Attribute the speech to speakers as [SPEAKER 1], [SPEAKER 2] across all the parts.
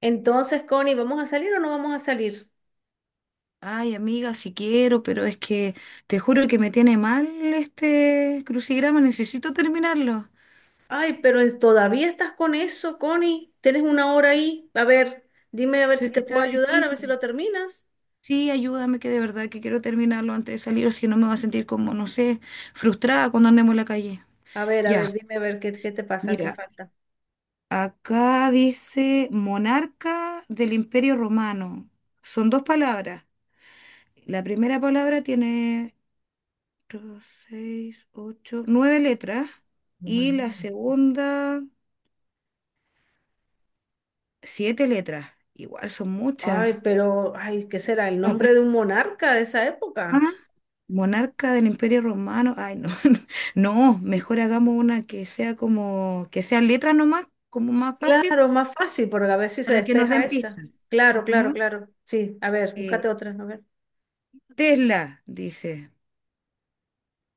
[SPEAKER 1] Entonces, Connie, ¿vamos a salir o no vamos a salir?
[SPEAKER 2] Ay, amiga, si quiero, pero es que te juro que me tiene mal este crucigrama, necesito terminarlo.
[SPEAKER 1] Ay, pero es- todavía estás con eso, Connie. Tienes una hora ahí. A ver, dime a ver
[SPEAKER 2] Pero
[SPEAKER 1] si
[SPEAKER 2] es
[SPEAKER 1] te
[SPEAKER 2] que
[SPEAKER 1] puedo
[SPEAKER 2] está
[SPEAKER 1] ayudar, a ver si
[SPEAKER 2] difícil.
[SPEAKER 1] lo terminas.
[SPEAKER 2] Sí, ayúdame, que de verdad que quiero terminarlo antes de salir, o si no me va a sentir como, no sé, frustrada cuando andemos en la calle.
[SPEAKER 1] A ver,
[SPEAKER 2] Ya,
[SPEAKER 1] dime a ver qué te pasa, qué
[SPEAKER 2] mira,
[SPEAKER 1] falta.
[SPEAKER 2] acá dice monarca del Imperio Romano. Son dos palabras. La primera palabra tiene dos, seis, ocho, nueve letras. Y la
[SPEAKER 1] Monarca.
[SPEAKER 2] segunda. Siete letras, igual son muchas.
[SPEAKER 1] Ay, pero, ay, ¿qué será? ¿El
[SPEAKER 2] No,
[SPEAKER 1] nombre
[SPEAKER 2] pero
[SPEAKER 1] de un monarca de esa
[SPEAKER 2] más,
[SPEAKER 1] época?
[SPEAKER 2] monarca del Imperio Romano, ay no, no, mejor hagamos una que sea como, que sea letra nomás, como más fácil,
[SPEAKER 1] Claro, más fácil, porque a ver si se
[SPEAKER 2] para que nos
[SPEAKER 1] despeja
[SPEAKER 2] den
[SPEAKER 1] esa.
[SPEAKER 2] pistas,
[SPEAKER 1] Claro,
[SPEAKER 2] ¿o no?
[SPEAKER 1] claro, claro. Sí, a ver,
[SPEAKER 2] Eh,
[SPEAKER 1] búscate otra, a ver.
[SPEAKER 2] Tesla, dice,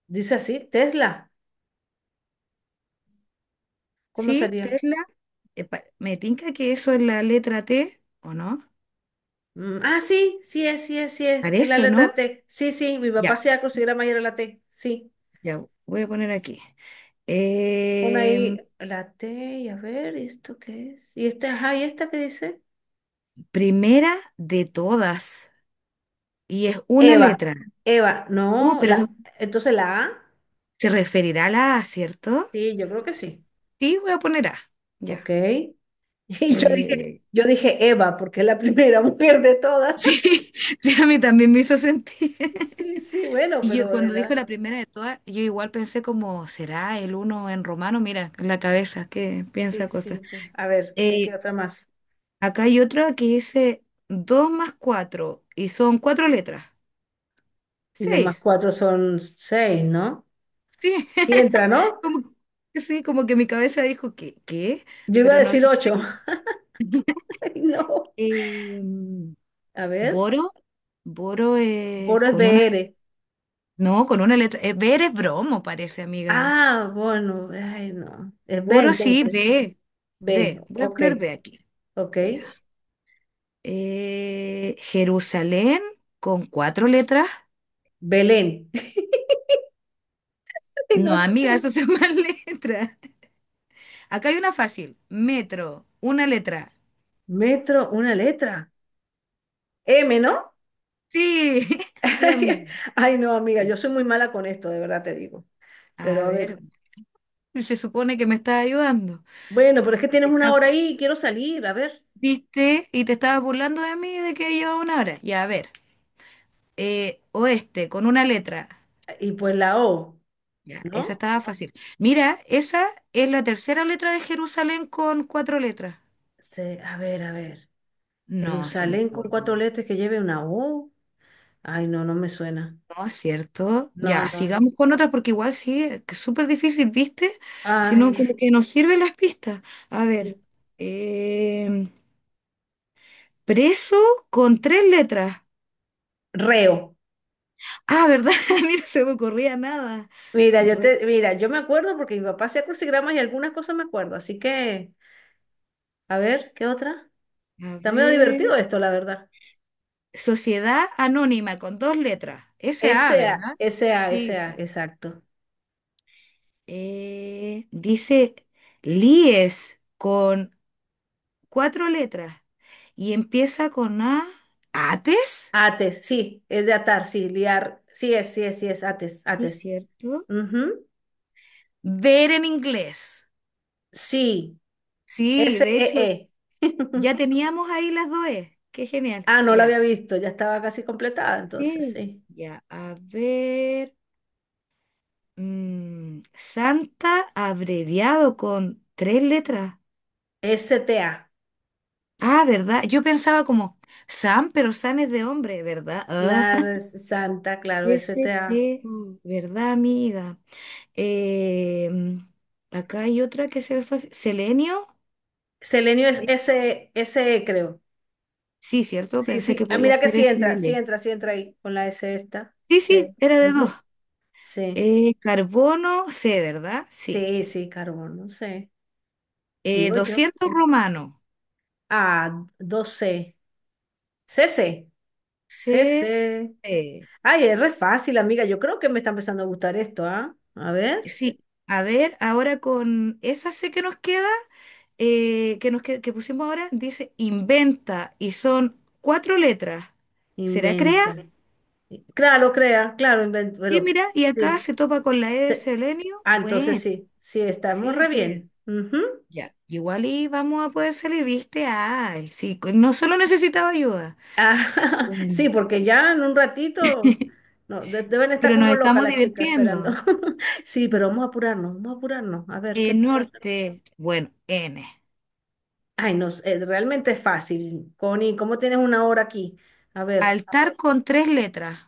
[SPEAKER 1] Dice así, Tesla. ¿Cómo
[SPEAKER 2] ¿sí?
[SPEAKER 1] sería?
[SPEAKER 2] Tesla, me tinca que eso es la letra T, ¿o no?
[SPEAKER 1] Mm, ah, sí, sí es, sí es, sí es. Es
[SPEAKER 2] ¿Parece
[SPEAKER 1] la
[SPEAKER 2] o no?
[SPEAKER 1] letra T. Sí, sí, mi papá
[SPEAKER 2] Ya,
[SPEAKER 1] se acostumbraba a ir a la T. Sí.
[SPEAKER 2] ya, voy a poner aquí.
[SPEAKER 1] Pon ahí
[SPEAKER 2] Em,
[SPEAKER 1] la T y a ver, ¿y esto qué es? ¿Y esta, ajá, ¿y esta qué dice?
[SPEAKER 2] primera de todas, y es una
[SPEAKER 1] Eva.
[SPEAKER 2] letra.
[SPEAKER 1] Eva.
[SPEAKER 2] No,
[SPEAKER 1] No,
[SPEAKER 2] pero es
[SPEAKER 1] la, entonces la A.
[SPEAKER 2] se referirá a la A, ¿cierto?
[SPEAKER 1] Sí, yo creo que sí.
[SPEAKER 2] Sí, voy a poner A.
[SPEAKER 1] Ok.
[SPEAKER 2] Ya.
[SPEAKER 1] Y yo dije,
[SPEAKER 2] Eh,
[SPEAKER 1] yo dije Eva, porque es la primera mujer de todas.
[SPEAKER 2] sí, sí, a mí también me hizo sentir.
[SPEAKER 1] Sí, sí, bueno,
[SPEAKER 2] Y yo
[SPEAKER 1] pero
[SPEAKER 2] cuando
[SPEAKER 1] era.
[SPEAKER 2] dijo la primera de todas, yo igual pensé como, ¿será el uno en romano? Mira, en la cabeza, que
[SPEAKER 1] Sí,
[SPEAKER 2] piensa cosas.
[SPEAKER 1] sí. A ver, ¿qué
[SPEAKER 2] Eh,
[SPEAKER 1] otra más?
[SPEAKER 2] acá hay otra que dice 2 más 4 y son cuatro letras.
[SPEAKER 1] Y dos más
[SPEAKER 2] Seis.
[SPEAKER 1] cuatro son seis, ¿no?
[SPEAKER 2] Sí,
[SPEAKER 1] Sí entra, ¿no?
[SPEAKER 2] como, sí, como que mi cabeza dijo, que ¿Qué?
[SPEAKER 1] Yo iba a
[SPEAKER 2] Pero no,
[SPEAKER 1] decir
[SPEAKER 2] sí.
[SPEAKER 1] ocho.
[SPEAKER 2] sí.
[SPEAKER 1] No.
[SPEAKER 2] Em,
[SPEAKER 1] A ver,
[SPEAKER 2] ¿boro? Boro es
[SPEAKER 1] Bora es
[SPEAKER 2] con una.
[SPEAKER 1] BR.
[SPEAKER 2] No, con una letra. Ver es bromo, parece, amiga.
[SPEAKER 1] Ah, bueno, ay, no. Es B
[SPEAKER 2] Boro sí,
[SPEAKER 1] entonces.
[SPEAKER 2] B.
[SPEAKER 1] B,
[SPEAKER 2] B. Voy a
[SPEAKER 1] ok,
[SPEAKER 2] poner B aquí.
[SPEAKER 1] ok.
[SPEAKER 2] Ya. Jerusalén con cuatro letras.
[SPEAKER 1] Belén. Ay,
[SPEAKER 2] No,
[SPEAKER 1] no
[SPEAKER 2] amiga,
[SPEAKER 1] sé.
[SPEAKER 2] eso son más letras. Acá hay una fácil. Metro, una letra.
[SPEAKER 1] Metro, una letra. M, ¿no?
[SPEAKER 2] Sí, sí, amiga.
[SPEAKER 1] Ay, no, amiga,
[SPEAKER 2] Ya.
[SPEAKER 1] yo soy muy mala con esto, de verdad te digo.
[SPEAKER 2] A
[SPEAKER 1] Pero a
[SPEAKER 2] ver,
[SPEAKER 1] ver.
[SPEAKER 2] se supone que me estás ayudando.
[SPEAKER 1] Bueno, pero es que tienes una
[SPEAKER 2] Está-
[SPEAKER 1] hora ahí y quiero salir, a ver.
[SPEAKER 2] Viste y te estabas burlando de mí de que llevaba una hora. Ya, a ver. Oeste, con una letra.
[SPEAKER 1] Y pues la O,
[SPEAKER 2] Ya, esa
[SPEAKER 1] ¿no?
[SPEAKER 2] estaba fácil. Mira, esa es la tercera letra de Jerusalén con cuatro letras.
[SPEAKER 1] Se- a ver, a ver.
[SPEAKER 2] No se me
[SPEAKER 1] Jerusalén con
[SPEAKER 2] ocurre.
[SPEAKER 1] cuatro
[SPEAKER 2] No
[SPEAKER 1] letras que lleve una O. Ay, no, no me suena.
[SPEAKER 2] es cierto.
[SPEAKER 1] No,
[SPEAKER 2] Ya,
[SPEAKER 1] no.
[SPEAKER 2] sigamos con otras porque igual sí, es que es súper difícil, ¿viste? Si no,
[SPEAKER 1] Ay.
[SPEAKER 2] como que nos sirven las pistas. A ver, em, preso con tres letras.
[SPEAKER 1] Reo.
[SPEAKER 2] Ah, ¿verdad? Mira, se me ocurría nada.
[SPEAKER 1] Mira, yo
[SPEAKER 2] Re-
[SPEAKER 1] te, mira, yo me acuerdo porque mi papá hacía crucigramas y algunas cosas me acuerdo. Así que, a ver, ¿qué otra?
[SPEAKER 2] a
[SPEAKER 1] Está medio
[SPEAKER 2] ver,
[SPEAKER 1] divertido esto, la verdad.
[SPEAKER 2] sociedad anónima con dos letras. S
[SPEAKER 1] S,
[SPEAKER 2] A ¿verdad?
[SPEAKER 1] s a s
[SPEAKER 2] Sí.
[SPEAKER 1] a, exacto.
[SPEAKER 2] Dice Lies con cuatro letras y empieza con A. ¿Ates?
[SPEAKER 1] Ates, sí, es de atar, sí, liar. Sí es, sí es, sí es, ates,
[SPEAKER 2] Sí,
[SPEAKER 1] ates.
[SPEAKER 2] cierto.
[SPEAKER 1] Ujú.
[SPEAKER 2] Ver en inglés.
[SPEAKER 1] Sí, e.
[SPEAKER 2] Sí, de hecho, ya teníamos ahí las dos E. Qué genial.
[SPEAKER 1] Ah, no la había
[SPEAKER 2] Ya.
[SPEAKER 1] visto, ya estaba casi completada, entonces,
[SPEAKER 2] Sí.
[SPEAKER 1] sí.
[SPEAKER 2] Ya, a ver. Santa abreviado con tres letras.
[SPEAKER 1] S t a.
[SPEAKER 2] Ah, ¿verdad? Yo pensaba como Sam, pero San es de hombre, ¿verdad? Ah.
[SPEAKER 1] Claro, es Santa, claro, s t a.
[SPEAKER 2] ST, Mm. ¿Verdad, amiga? Em, acá hay otra que se ve fácil. ¿Selenio?
[SPEAKER 1] Selenio es
[SPEAKER 2] ¿Eh?
[SPEAKER 1] S, E, s e creo.
[SPEAKER 2] Sí, ¿cierto?
[SPEAKER 1] Sí,
[SPEAKER 2] Pensé
[SPEAKER 1] sí.
[SPEAKER 2] que
[SPEAKER 1] Ah,
[SPEAKER 2] podía
[SPEAKER 1] mira que
[SPEAKER 2] ser
[SPEAKER 1] sí
[SPEAKER 2] S
[SPEAKER 1] entra, sí
[SPEAKER 2] L.
[SPEAKER 1] entra, sí entra ahí con la S esta.
[SPEAKER 2] Sí,
[SPEAKER 1] Sí.
[SPEAKER 2] sí, era de dos.
[SPEAKER 1] Ujú. Sí,
[SPEAKER 2] Carbono, C, ¿verdad? Sí.
[SPEAKER 1] sí, carbono, sí. Digo yo.
[SPEAKER 2] 200
[SPEAKER 1] Sí.
[SPEAKER 2] romano,
[SPEAKER 1] Ah, dos C, CC.
[SPEAKER 2] C,
[SPEAKER 1] CC.
[SPEAKER 2] C.
[SPEAKER 1] Ay, es re fácil, amiga. Yo creo que me está empezando a gustar esto, ¿ah? A ver.
[SPEAKER 2] Sí. A ver, ahora con esa C que nos queda, que pusimos ahora, dice inventa y son cuatro letras. ¿Será crea?
[SPEAKER 1] Inventa. Claro, crea, claro, inventa.
[SPEAKER 2] Sí,
[SPEAKER 1] Pero,
[SPEAKER 2] mira, y acá
[SPEAKER 1] sí.
[SPEAKER 2] se topa con la E de
[SPEAKER 1] Te-
[SPEAKER 2] selenio.
[SPEAKER 1] ah, entonces
[SPEAKER 2] Bueno,
[SPEAKER 1] sí, sí, estamos
[SPEAKER 2] sí,
[SPEAKER 1] re
[SPEAKER 2] creo.
[SPEAKER 1] bien. Ujú.
[SPEAKER 2] Ya, igual y vamos a poder salir, ¿viste? Ay, sí, no solo necesitaba ayuda.
[SPEAKER 1] Ah, sí,
[SPEAKER 2] Mm.
[SPEAKER 1] porque ya en un ratito no, de- deben estar
[SPEAKER 2] Pero nos
[SPEAKER 1] como locas
[SPEAKER 2] estamos
[SPEAKER 1] las chicas esperando.
[SPEAKER 2] divirtiendo.
[SPEAKER 1] Sí, pero vamos a apurarnos, vamos a apurarnos. A ver,
[SPEAKER 2] Eh,
[SPEAKER 1] ¿qué?
[SPEAKER 2] norte, bueno, N.
[SPEAKER 1] Ay, no, realmente es fácil. Connie, ¿cómo tienes una hora aquí? A ver,
[SPEAKER 2] Altar con tres letras.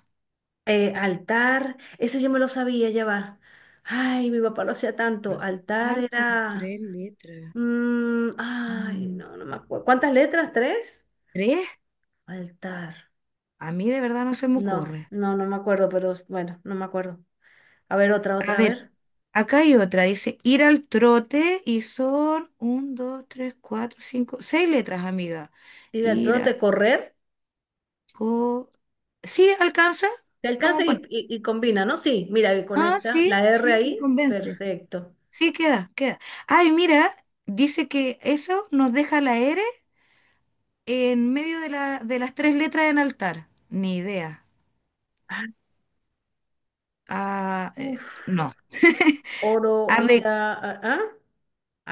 [SPEAKER 1] altar, eso yo me lo sabía llevar. Ay, mi papá lo hacía tanto. Altar
[SPEAKER 2] Altar con
[SPEAKER 1] era...
[SPEAKER 2] tres letras.
[SPEAKER 1] Mm, ay,
[SPEAKER 2] Mm,
[SPEAKER 1] no, no me acuerdo. ¿Cuántas letras? ¿Tres?
[SPEAKER 2] ¿Tres?
[SPEAKER 1] Altar.
[SPEAKER 2] A mí de verdad no se me
[SPEAKER 1] No,
[SPEAKER 2] ocurre.
[SPEAKER 1] no, no me acuerdo, pero bueno, no me acuerdo. A ver, otra,
[SPEAKER 2] A
[SPEAKER 1] otra, a
[SPEAKER 2] ver,
[SPEAKER 1] ver.
[SPEAKER 2] acá hay otra, dice ir al trote y son un, dos, tres, cuatro, cinco, seis letras, amiga.
[SPEAKER 1] Ir al trote,
[SPEAKER 2] Iraco.
[SPEAKER 1] correr.
[SPEAKER 2] Sí, alcanza.
[SPEAKER 1] Te
[SPEAKER 2] Vamos
[SPEAKER 1] alcanza
[SPEAKER 2] a poner.
[SPEAKER 1] y combina, ¿no? Sí, mira, y con
[SPEAKER 2] Ah,
[SPEAKER 1] esta,
[SPEAKER 2] sí,
[SPEAKER 1] la R
[SPEAKER 2] sí, me
[SPEAKER 1] ahí,
[SPEAKER 2] convence.
[SPEAKER 1] perfecto.
[SPEAKER 2] Sí, queda, queda. Ay, mira, dice que eso nos deja la R en medio de las tres letras en altar. Ni idea.
[SPEAKER 1] Ah,
[SPEAKER 2] Ah,
[SPEAKER 1] uf.
[SPEAKER 2] no.
[SPEAKER 1] Oro, ir
[SPEAKER 2] Arre-
[SPEAKER 1] a-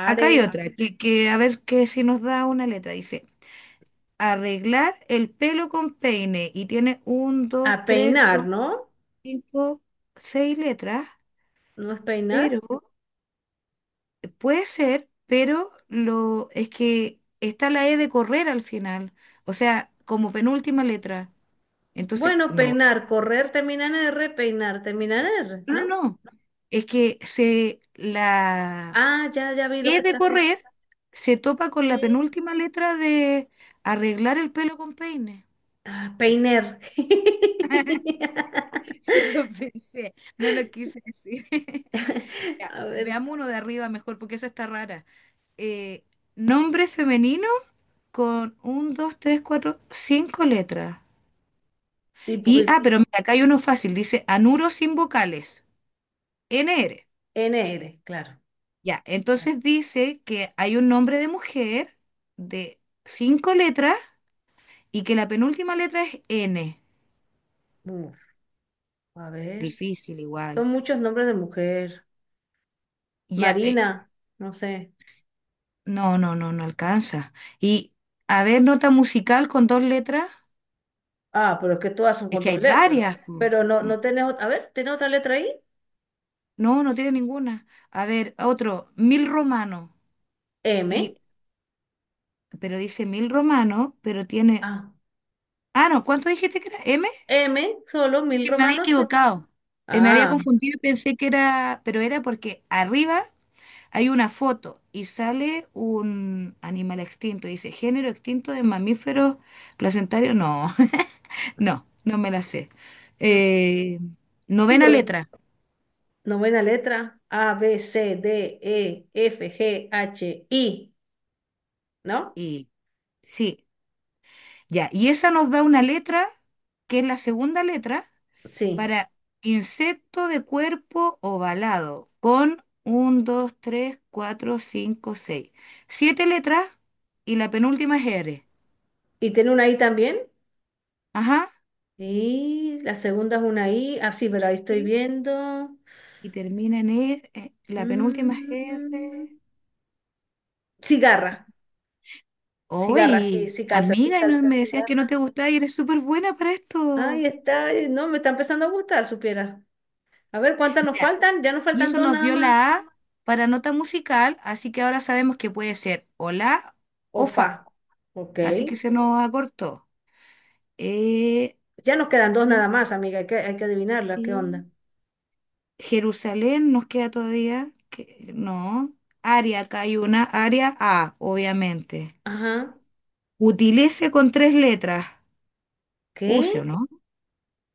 [SPEAKER 2] Acá hay
[SPEAKER 1] are,
[SPEAKER 2] otra, que a ver que si nos da una letra. Dice, arreglar el pelo con peine. Y tiene un,
[SPEAKER 1] a
[SPEAKER 2] dos, tres,
[SPEAKER 1] peinar,
[SPEAKER 2] cuatro,
[SPEAKER 1] ¿no?
[SPEAKER 2] cinco, seis letras.
[SPEAKER 1] ¿No es
[SPEAKER 2] Pero
[SPEAKER 1] peinar?
[SPEAKER 2] Puede ser, pero lo es que está la E de correr al final, o sea, como penúltima letra. Entonces,
[SPEAKER 1] Bueno,
[SPEAKER 2] no.
[SPEAKER 1] peinar, correr termina en R, peinar termina en R,
[SPEAKER 2] No,
[SPEAKER 1] ¿no?
[SPEAKER 2] no, no. Es que se la
[SPEAKER 1] Ah, ya, ya vi lo que
[SPEAKER 2] E de
[SPEAKER 1] estás haciendo.
[SPEAKER 2] correr se topa con la
[SPEAKER 1] Sí.
[SPEAKER 2] penúltima letra de arreglar el pelo con peine.
[SPEAKER 1] Ah, peiner.
[SPEAKER 2] Sí lo pensé, no lo quise decir. Ya,
[SPEAKER 1] A ver,
[SPEAKER 2] veamos uno de arriba mejor, porque esa está rara. Eh, nombre femenino con un, dos, tres, cuatro, cinco letras.
[SPEAKER 1] tipo
[SPEAKER 2] Y, ah, pero mira, acá hay uno fácil, dice anuro sin vocales, NR.
[SPEAKER 1] NR, claro.
[SPEAKER 2] Ya,
[SPEAKER 1] Claro.
[SPEAKER 2] entonces dice que hay un nombre de mujer de cinco letras y que la penúltima letra es N.
[SPEAKER 1] Uf, a ver,
[SPEAKER 2] Difícil igual.
[SPEAKER 1] son muchos nombres de mujer.
[SPEAKER 2] Ya,
[SPEAKER 1] Marina, no sé.
[SPEAKER 2] no, no, no, no alcanza. Y, a ver, nota musical con dos letras.
[SPEAKER 1] Ah, pero es que todas son
[SPEAKER 2] Es
[SPEAKER 1] con
[SPEAKER 2] que hay
[SPEAKER 1] dos letras.
[SPEAKER 2] varias.
[SPEAKER 1] Pero no, no tenés otra. A ver, ¿tenés otra letra ahí?
[SPEAKER 2] No, no tiene ninguna. A ver, otro, mil romano.
[SPEAKER 1] M.
[SPEAKER 2] Y, pero dice mil romano, pero tiene.
[SPEAKER 1] Ah,
[SPEAKER 2] Ah, no, ¿cuánto dijiste que era?
[SPEAKER 1] M, solo mil
[SPEAKER 2] Sí, me había
[SPEAKER 1] romanos. Eh.
[SPEAKER 2] equivocado. Me había
[SPEAKER 1] Ah,
[SPEAKER 2] confundido y pensé que era, pero era porque arriba hay una foto y sale un animal extinto. Dice, género extinto de mamíferos placentarios. No, no, no me la sé.
[SPEAKER 1] mm,
[SPEAKER 2] Eh,
[SPEAKER 1] sí,
[SPEAKER 2] novena
[SPEAKER 1] porque
[SPEAKER 2] letra.
[SPEAKER 1] novena letra. A, B, C, D, E, F, G, H, I, ¿no?
[SPEAKER 2] Y sí, ya. Y esa nos da una letra que es la segunda letra.
[SPEAKER 1] Sí.
[SPEAKER 2] Para insecto de cuerpo ovalado, con 1, dos, tres, cuatro, cinco, seis, siete letras y la penúltima es R.
[SPEAKER 1] ¿Y tiene una I también?
[SPEAKER 2] Ajá.
[SPEAKER 1] Y la segunda es una I. Ah, sí, pero ahí estoy
[SPEAKER 2] Sí,
[SPEAKER 1] viendo.
[SPEAKER 2] y termina en R. La penúltima es R.
[SPEAKER 1] Mm, cigarra. Cigarra, sí,
[SPEAKER 2] Oye,
[SPEAKER 1] sí
[SPEAKER 2] amiga, y no
[SPEAKER 1] calza,
[SPEAKER 2] me decías que no te
[SPEAKER 1] cigarra.
[SPEAKER 2] gustaba y eres súper buena para
[SPEAKER 1] Ahí
[SPEAKER 2] esto.
[SPEAKER 1] está, no, me está empezando a gustar, supiera. A ver, ¿cuántas nos
[SPEAKER 2] Mira,
[SPEAKER 1] faltan? Ya nos
[SPEAKER 2] y
[SPEAKER 1] faltan
[SPEAKER 2] eso
[SPEAKER 1] dos
[SPEAKER 2] nos
[SPEAKER 1] nada
[SPEAKER 2] dio
[SPEAKER 1] más.
[SPEAKER 2] la A para nota musical, así que ahora sabemos que puede ser o la o
[SPEAKER 1] Ofa, fa.
[SPEAKER 2] fa.
[SPEAKER 1] Ok.
[SPEAKER 2] Así que se nos acortó. Eh,
[SPEAKER 1] Ya nos quedan dos nada más, amiga. Hay que adivinarla. ¿Qué onda?
[SPEAKER 2] Sí. Jerusalén nos queda todavía, que, no. Área, acá hay una área A, obviamente.
[SPEAKER 1] Ajá.
[SPEAKER 2] Utilice con tres letras.
[SPEAKER 1] ¿Qué?
[SPEAKER 2] Use, ¿o no?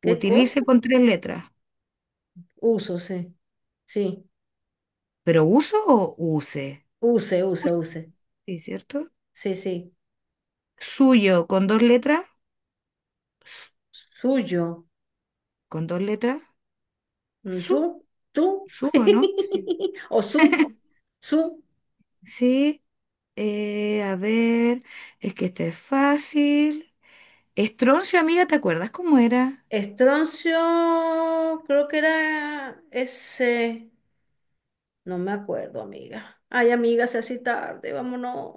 [SPEAKER 1] ¿Qué
[SPEAKER 2] Utilice
[SPEAKER 1] cosa?
[SPEAKER 2] con tres letras.
[SPEAKER 1] Uso, sí. Sí.
[SPEAKER 2] ¿Pero uso o use?
[SPEAKER 1] Use, use, use.
[SPEAKER 2] Sí, ¿cierto?
[SPEAKER 1] Sí, sí.
[SPEAKER 2] Suyo con dos letras. s-
[SPEAKER 1] Suyo.
[SPEAKER 2] Con dos letras.
[SPEAKER 1] Mm,
[SPEAKER 2] Su,
[SPEAKER 1] tú, tú.
[SPEAKER 2] su, ¿o no? Sí.
[SPEAKER 1] O su, su.
[SPEAKER 2] Sí, a ver, es que este es fácil. Estroncio, amiga, ¿te acuerdas cómo era?
[SPEAKER 1] Estroncio, creo que era ese. No me acuerdo, amiga. Ay, amiga, se hace tarde, vámonos.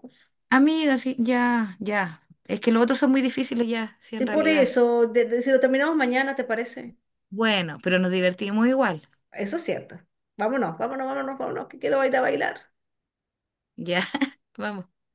[SPEAKER 2] Amiga, sí, ya, ya. Es que los otros son muy difíciles ya, sí,
[SPEAKER 1] Y
[SPEAKER 2] en
[SPEAKER 1] por
[SPEAKER 2] realidad.
[SPEAKER 1] eso, de- si lo terminamos mañana, ¿te parece?
[SPEAKER 2] Bueno, pero nos divertimos igual.
[SPEAKER 1] Eso es cierto. Vámonos, vámonos, vámonos, vámonos, que quiero bailar, bailar.
[SPEAKER 2] Ya, vamos.